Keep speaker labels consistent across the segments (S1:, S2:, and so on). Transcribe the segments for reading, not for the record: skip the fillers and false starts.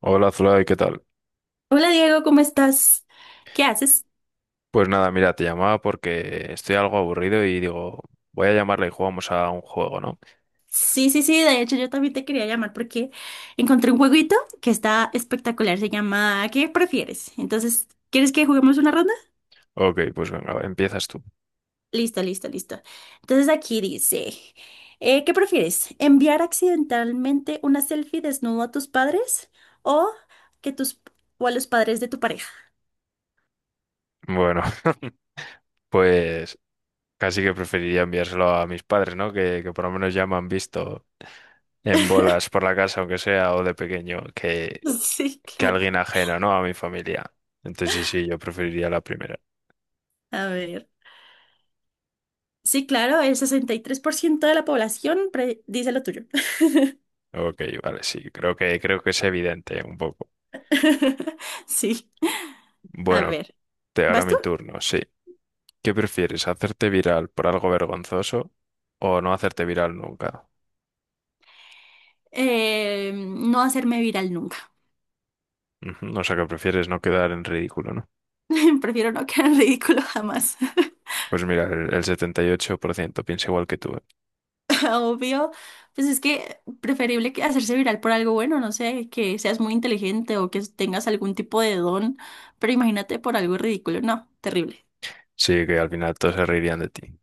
S1: Hola Zulay, ¿qué tal?
S2: Hola Diego, ¿cómo estás? ¿Qué haces?
S1: Pues nada, mira, te llamaba porque estoy algo aburrido y digo, voy a llamarle y jugamos a un juego, ¿no?
S2: Sí, sí, sí, de hecho yo también te quería llamar porque encontré un jueguito que está espectacular, se llama ¿Qué prefieres? Entonces, ¿quieres que juguemos una ronda?
S1: Ok, pues venga, empiezas tú.
S2: Listo, listo, listo. Entonces aquí dice, ¿qué prefieres? ¿Enviar accidentalmente una selfie desnudo a tus padres o que tus o a los padres de tu pareja?
S1: Bueno, pues casi que preferiría enviárselo a mis padres, ¿no? Que por lo menos ya me han visto en bolas por la casa, aunque sea, o de pequeño, que,
S2: Sí,
S1: que
S2: claro.
S1: alguien ajeno, ¿no? A mi familia. Entonces sí, sí, yo preferiría la primera.
S2: A ver. Sí, claro, el 63% de la población dice lo tuyo.
S1: Ok, vale, sí, creo que es evidente un poco.
S2: Sí. A
S1: Bueno,
S2: ver,
S1: te ahora
S2: ¿vas tú?
S1: mi turno, sí. ¿Qué prefieres? ¿Hacerte viral por algo vergonzoso o no hacerte viral nunca?
S2: No hacerme viral nunca.
S1: Ujú, o sea, que prefieres no quedar en ridículo, ¿no?
S2: Prefiero no quedar en ridículo jamás.
S1: Pues mira, el 78% piensa igual que tú, ¿eh?
S2: Obvio, pues es que preferible que hacerse viral por algo bueno, no sé, que seas muy inteligente o que tengas algún tipo de don, pero imagínate por algo ridículo, no, terrible.
S1: Sí, que al final todos se reirían de ti.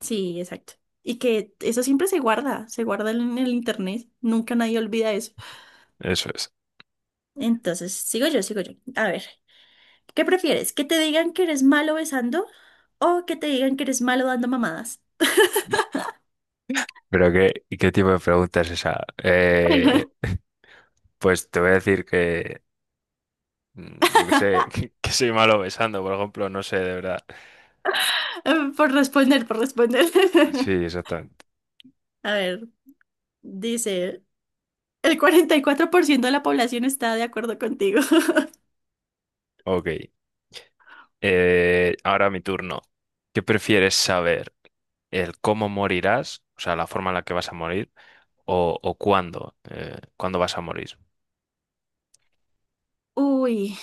S2: Sí, exacto. Y que eso siempre se guarda en el internet, nunca nadie olvida eso.
S1: Eso es.
S2: Entonces, sigo yo, sigo yo. A ver, ¿qué prefieres? ¿Que te digan que eres malo besando o que te digan que eres malo dando mamadas?
S1: Pero qué, ¿y qué tipo de pregunta es esa? Pues te voy a decir que, yo qué sé, que soy malo besando, por ejemplo, no sé, de verdad.
S2: Por responder, por responder.
S1: Sí, exactamente.
S2: A ver, dice, el 44% de la población está de acuerdo contigo.
S1: Ok. Ahora mi turno. ¿Qué prefieres saber? ¿El cómo morirás? O sea, la forma en la que vas a morir. ¿O cuándo? ¿Cuándo vas a morir?
S2: Uy,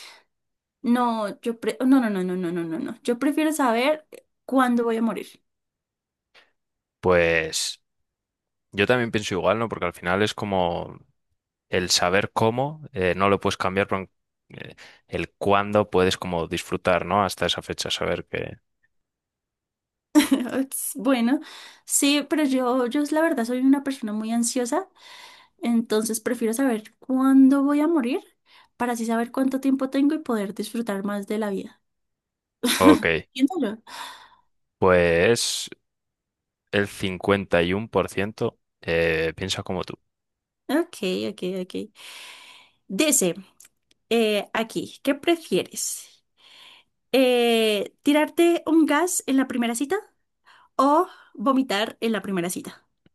S2: no, yo no, no, no, no, no, no, no, no. Yo prefiero saber cuándo voy a morir.
S1: Pues yo también pienso igual, ¿no? Porque al final es como el saber cómo, no lo puedes cambiar, pero eh, el cuándo puedes como disfrutar, ¿no? Hasta esa fecha, saber que.
S2: Ups, bueno, sí, pero yo la verdad soy una persona muy ansiosa, entonces prefiero saber cuándo voy a morir para así saber cuánto tiempo tengo y poder disfrutar más de la vida.
S1: Ok,
S2: Entiéndalo.
S1: pues el 51% piensa como tú.
S2: Ok, ok, ok. Dice. Aquí, ¿qué prefieres? ¿Tirarte un gas en la primera cita o vomitar en la primera cita?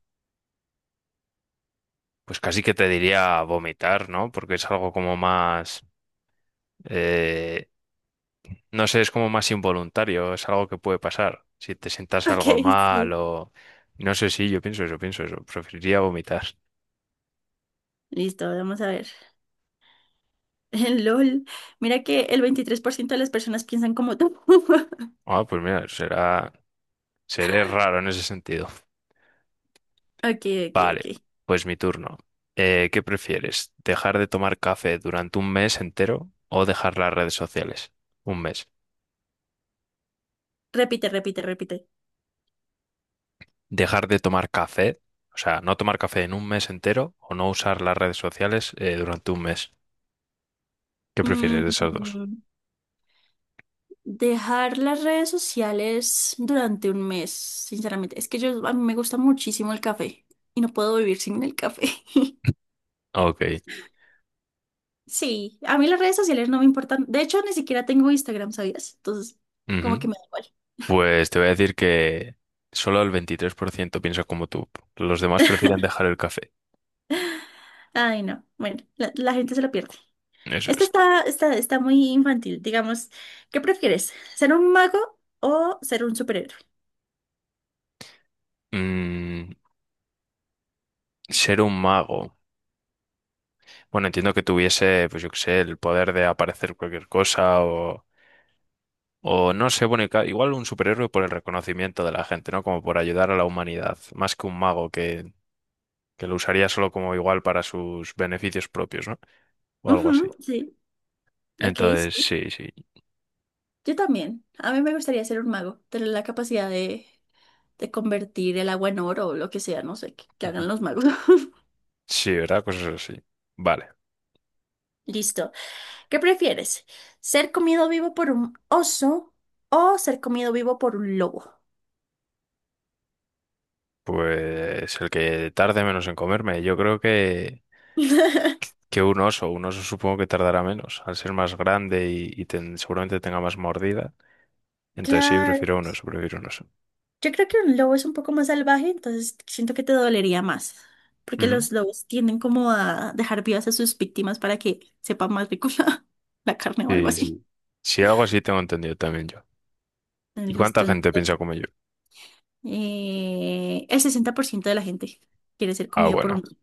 S1: Pues casi que te diría vomitar, ¿no? Porque es algo como más, eh, no sé, es como más involuntario, es algo que puede pasar si te sientas
S2: Ok,
S1: algo mal
S2: sí.
S1: o. No sé si yo pienso eso, pienso eso. Preferiría vomitar.
S2: Listo, vamos a ver. LOL, mira que el 23% de las personas piensan como tú.
S1: Ah, pues mira, seré raro en ese sentido.
S2: Ok, ok, ok.
S1: Vale, pues mi turno. ¿Qué prefieres? ¿Dejar de tomar café durante un mes entero o dejar las redes sociales? Un mes.
S2: Repite, repite, repite.
S1: Dejar de tomar café, o sea, no tomar café en un mes entero o no usar las redes sociales durante un mes. ¿Qué
S2: Mm,
S1: prefieres de esos dos?
S2: Dejar las redes sociales durante un mes, sinceramente. Es que yo, a mí me gusta muchísimo el café y no puedo vivir sin el café.
S1: Ok.
S2: Sí, a mí las redes sociales no me importan. De hecho, ni siquiera tengo Instagram, ¿sabías? Entonces, como que
S1: Ujú.
S2: me da igual.
S1: Pues te voy a decir que solo el 23% piensa como tú. Los demás prefieren dejar el café.
S2: Ay, no. Bueno, la gente se lo pierde.
S1: Eso
S2: Esta
S1: es.
S2: está muy infantil. Digamos, ¿qué prefieres? ¿Ser un mago o ser un superhéroe?
S1: Mm, Ser un mago. Bueno, entiendo que tuviese, pues yo qué sé, el poder de aparecer cualquier cosa o no sé, bueno, y igual un superhéroe por el reconocimiento de la gente, ¿no? Como por ayudar a la humanidad, más que un mago que lo usaría solo como igual para sus beneficios propios, ¿no? O algo
S2: Ujú,
S1: así.
S2: sí. Ok,
S1: Entonces,
S2: sí.
S1: sí, sí.
S2: Yo también. A mí me gustaría ser un mago. Tener la capacidad de convertir el agua en oro o lo que sea. No sé, que
S1: Ujú.
S2: hagan los magos.
S1: Sí, ¿verdad? Cosas así. Vale,
S2: Listo. ¿Qué prefieres? ¿Ser comido vivo por un oso o ser comido vivo por un lobo?
S1: pues el que tarde menos en comerme, yo creo que, que un oso supongo que tardará menos, al ser más grande y, seguramente tenga más mordida. Entonces sí,
S2: Claro,
S1: prefiero un oso, prefiero un oso.
S2: yo creo que un lobo es un poco más salvaje, entonces siento que te dolería más, porque
S1: Ujú.
S2: los lobos tienden como a dejar vivas a sus víctimas para que sepa más rico la carne o algo
S1: Sí,
S2: así.
S1: sí. Sí, algo así tengo entendido también yo. ¿Y cuánta
S2: Listo,
S1: gente piensa
S2: entonces,
S1: como yo?
S2: el 60% de la gente quiere ser
S1: Ah,
S2: comida por un
S1: bueno,
S2: lobo.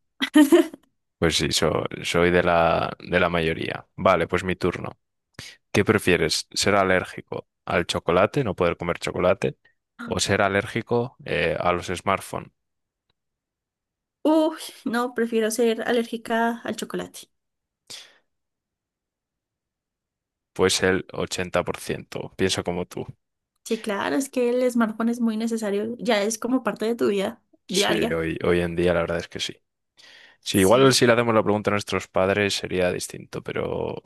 S1: pues sí, soy de la mayoría. Vale, pues mi turno. ¿Qué prefieres? ¿Ser alérgico al chocolate, no poder comer chocolate, o ser alérgico a los smartphones?
S2: Uy, no, prefiero ser alérgica al chocolate.
S1: Pues el 80% pienso como tú.
S2: Sí, claro, es que el smartphone es muy necesario, ya es como parte de tu vida
S1: Sí,
S2: diaria.
S1: hoy en día la verdad es que sí. Sí, igual
S2: Sí.
S1: si le hacemos la pregunta a nuestros padres sería distinto, pero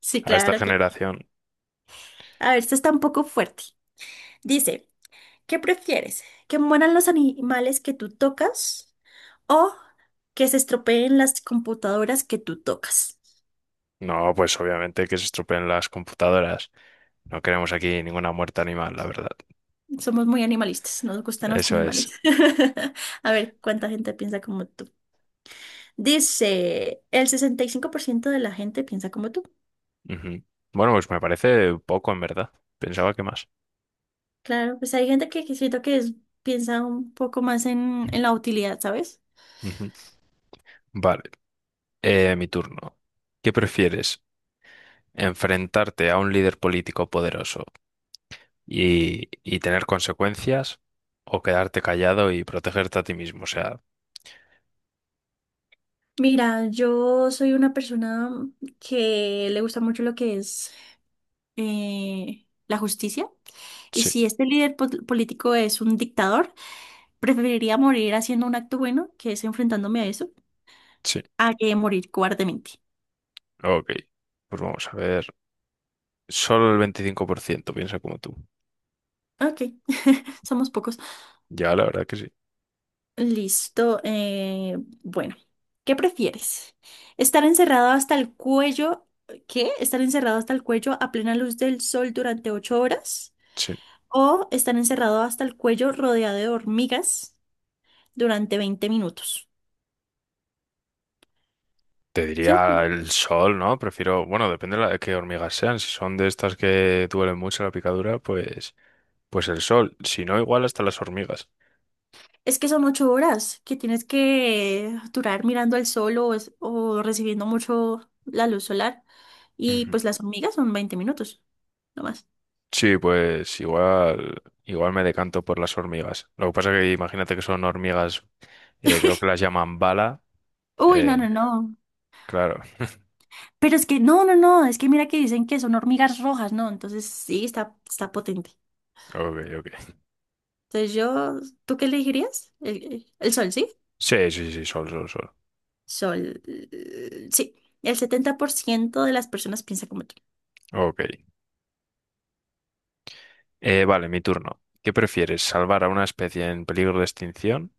S2: Sí,
S1: a esta
S2: claro, claro.
S1: generación,
S2: A ver, esta está un poco fuerte. Dice, ¿qué prefieres? ¿Que mueran los animales que tú tocas o que se estropeen las computadoras que tú tocas?
S1: no, pues obviamente que se estropeen las computadoras. No queremos aquí ninguna muerte animal, la verdad.
S2: Somos muy animalistas, nos gustan los
S1: Eso es.
S2: animales. A ver, ¿cuánta gente piensa como tú? Dice, el 65% de la gente piensa como tú.
S1: Ujú. Bueno, pues me parece poco en verdad. Pensaba que más.
S2: Claro, pues hay gente que siento que piensa un poco más en la utilidad, ¿sabes?
S1: Ujú. Vale. Mi turno. ¿Qué prefieres? ¿Enfrentarte a un líder político poderoso y tener consecuencias o quedarte callado y protegerte a ti mismo? O sea,
S2: Mira, yo soy una persona que le gusta mucho lo que es la justicia. Y
S1: sí,
S2: si este líder político es un dictador, preferiría morir haciendo un acto bueno, que es enfrentándome a eso,
S1: sí,
S2: a que morir cobardemente.
S1: ok. Pues vamos a ver. Solo el 25% piensa como tú.
S2: Ok, somos pocos.
S1: Ya, la verdad que sí.
S2: Listo. Bueno, ¿qué prefieres? ¿Estar encerrado hasta el cuello? ¿Qué? ¿Estar encerrado hasta el cuello a plena luz del sol durante 8 horas?
S1: Sí.
S2: ¿O estar encerrado hasta el cuello rodeado de hormigas durante 20 minutos?
S1: Te
S2: Siento-
S1: diría el sol, ¿no? Prefiero, bueno, depende de de qué hormigas sean. Si son de estas que duelen mucho la picadura, pues, el sol. Si no, igual hasta las hormigas.
S2: Es que son 8 horas que tienes que durar mirando al sol o recibiendo mucho la luz solar. Y
S1: Ujú.
S2: pues las hormigas son 20 minutos, no más.
S1: Sí, pues igual, igual me decanto por las hormigas. Lo que pasa que imagínate que son hormigas, creo que las llaman bala.
S2: Uy, no,
S1: eh,
S2: no, no.
S1: claro,
S2: Pero es que, no, no, no, es que mira que dicen que son hormigas rojas, ¿no? Entonces sí, está potente.
S1: ok, ok.
S2: Entonces yo, ¿tú qué elegirías? El sol, ¿sí?
S1: Sí, sí, sí, sol, sol, sol.
S2: Sol, sí. El 70% de las personas piensa como tú.
S1: Ok. Vale, mi turno. ¿Qué prefieres? ¿Salvar a una especie en peligro de extinción?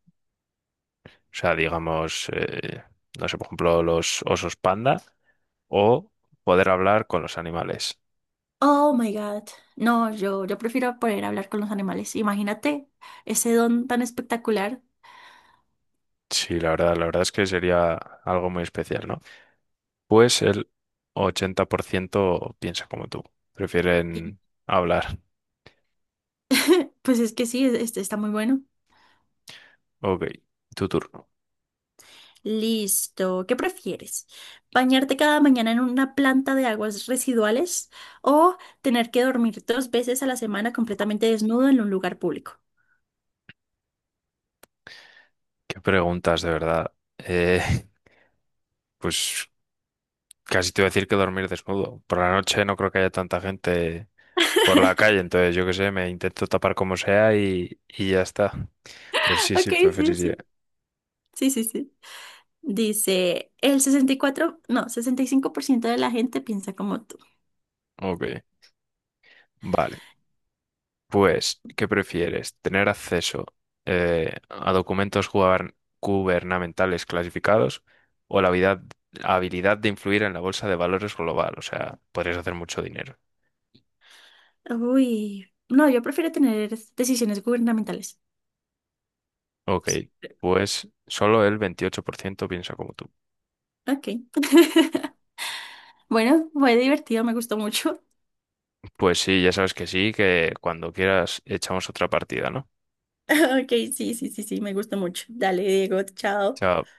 S1: O sea, digamos, no sé, por ejemplo, los osos panda, o poder hablar con los animales.
S2: Oh my God. No, yo prefiero poder hablar con los animales. Imagínate ese don tan espectacular.
S1: Sí, la verdad es que sería algo muy especial, ¿no? Pues el 80% piensa como tú. Prefieren hablar.
S2: Pues es que sí, está muy bueno.
S1: Ok, tu turno.
S2: Listo. ¿Qué prefieres? ¿Bañarte cada mañana en una planta de aguas residuales o tener que dormir 2 veces a la semana completamente desnudo en un lugar público?
S1: ¿Qué preguntas de verdad? Eh, pues casi te voy a decir que dormir desnudo. Por la noche no creo que haya tanta gente por la calle, entonces yo qué sé, me intento tapar como sea y ya está. Pero sí,
S2: Ok,
S1: sí,
S2: sí,
S1: preferiría.
S2: sí. Sí, sí, sí. Dice, el 64, no, 65% de la gente piensa como tú.
S1: Ok, vale. Pues, ¿qué prefieres? ¿Tener acceso a documentos gubernamentales clasificados o habilidad de influir en la bolsa de valores global? O sea, podrías hacer mucho dinero.
S2: Uy, no, yo prefiero tener decisiones gubernamentales.
S1: Ok, pues solo el 28% piensa como tú.
S2: Ok. Bueno, fue divertido, me gustó mucho.
S1: Pues sí, ya sabes que sí, que cuando quieras echamos otra partida, ¿no?
S2: Ok, sí, sí, sí, sí, me gustó mucho. Dale, Diego, chao.
S1: Chao.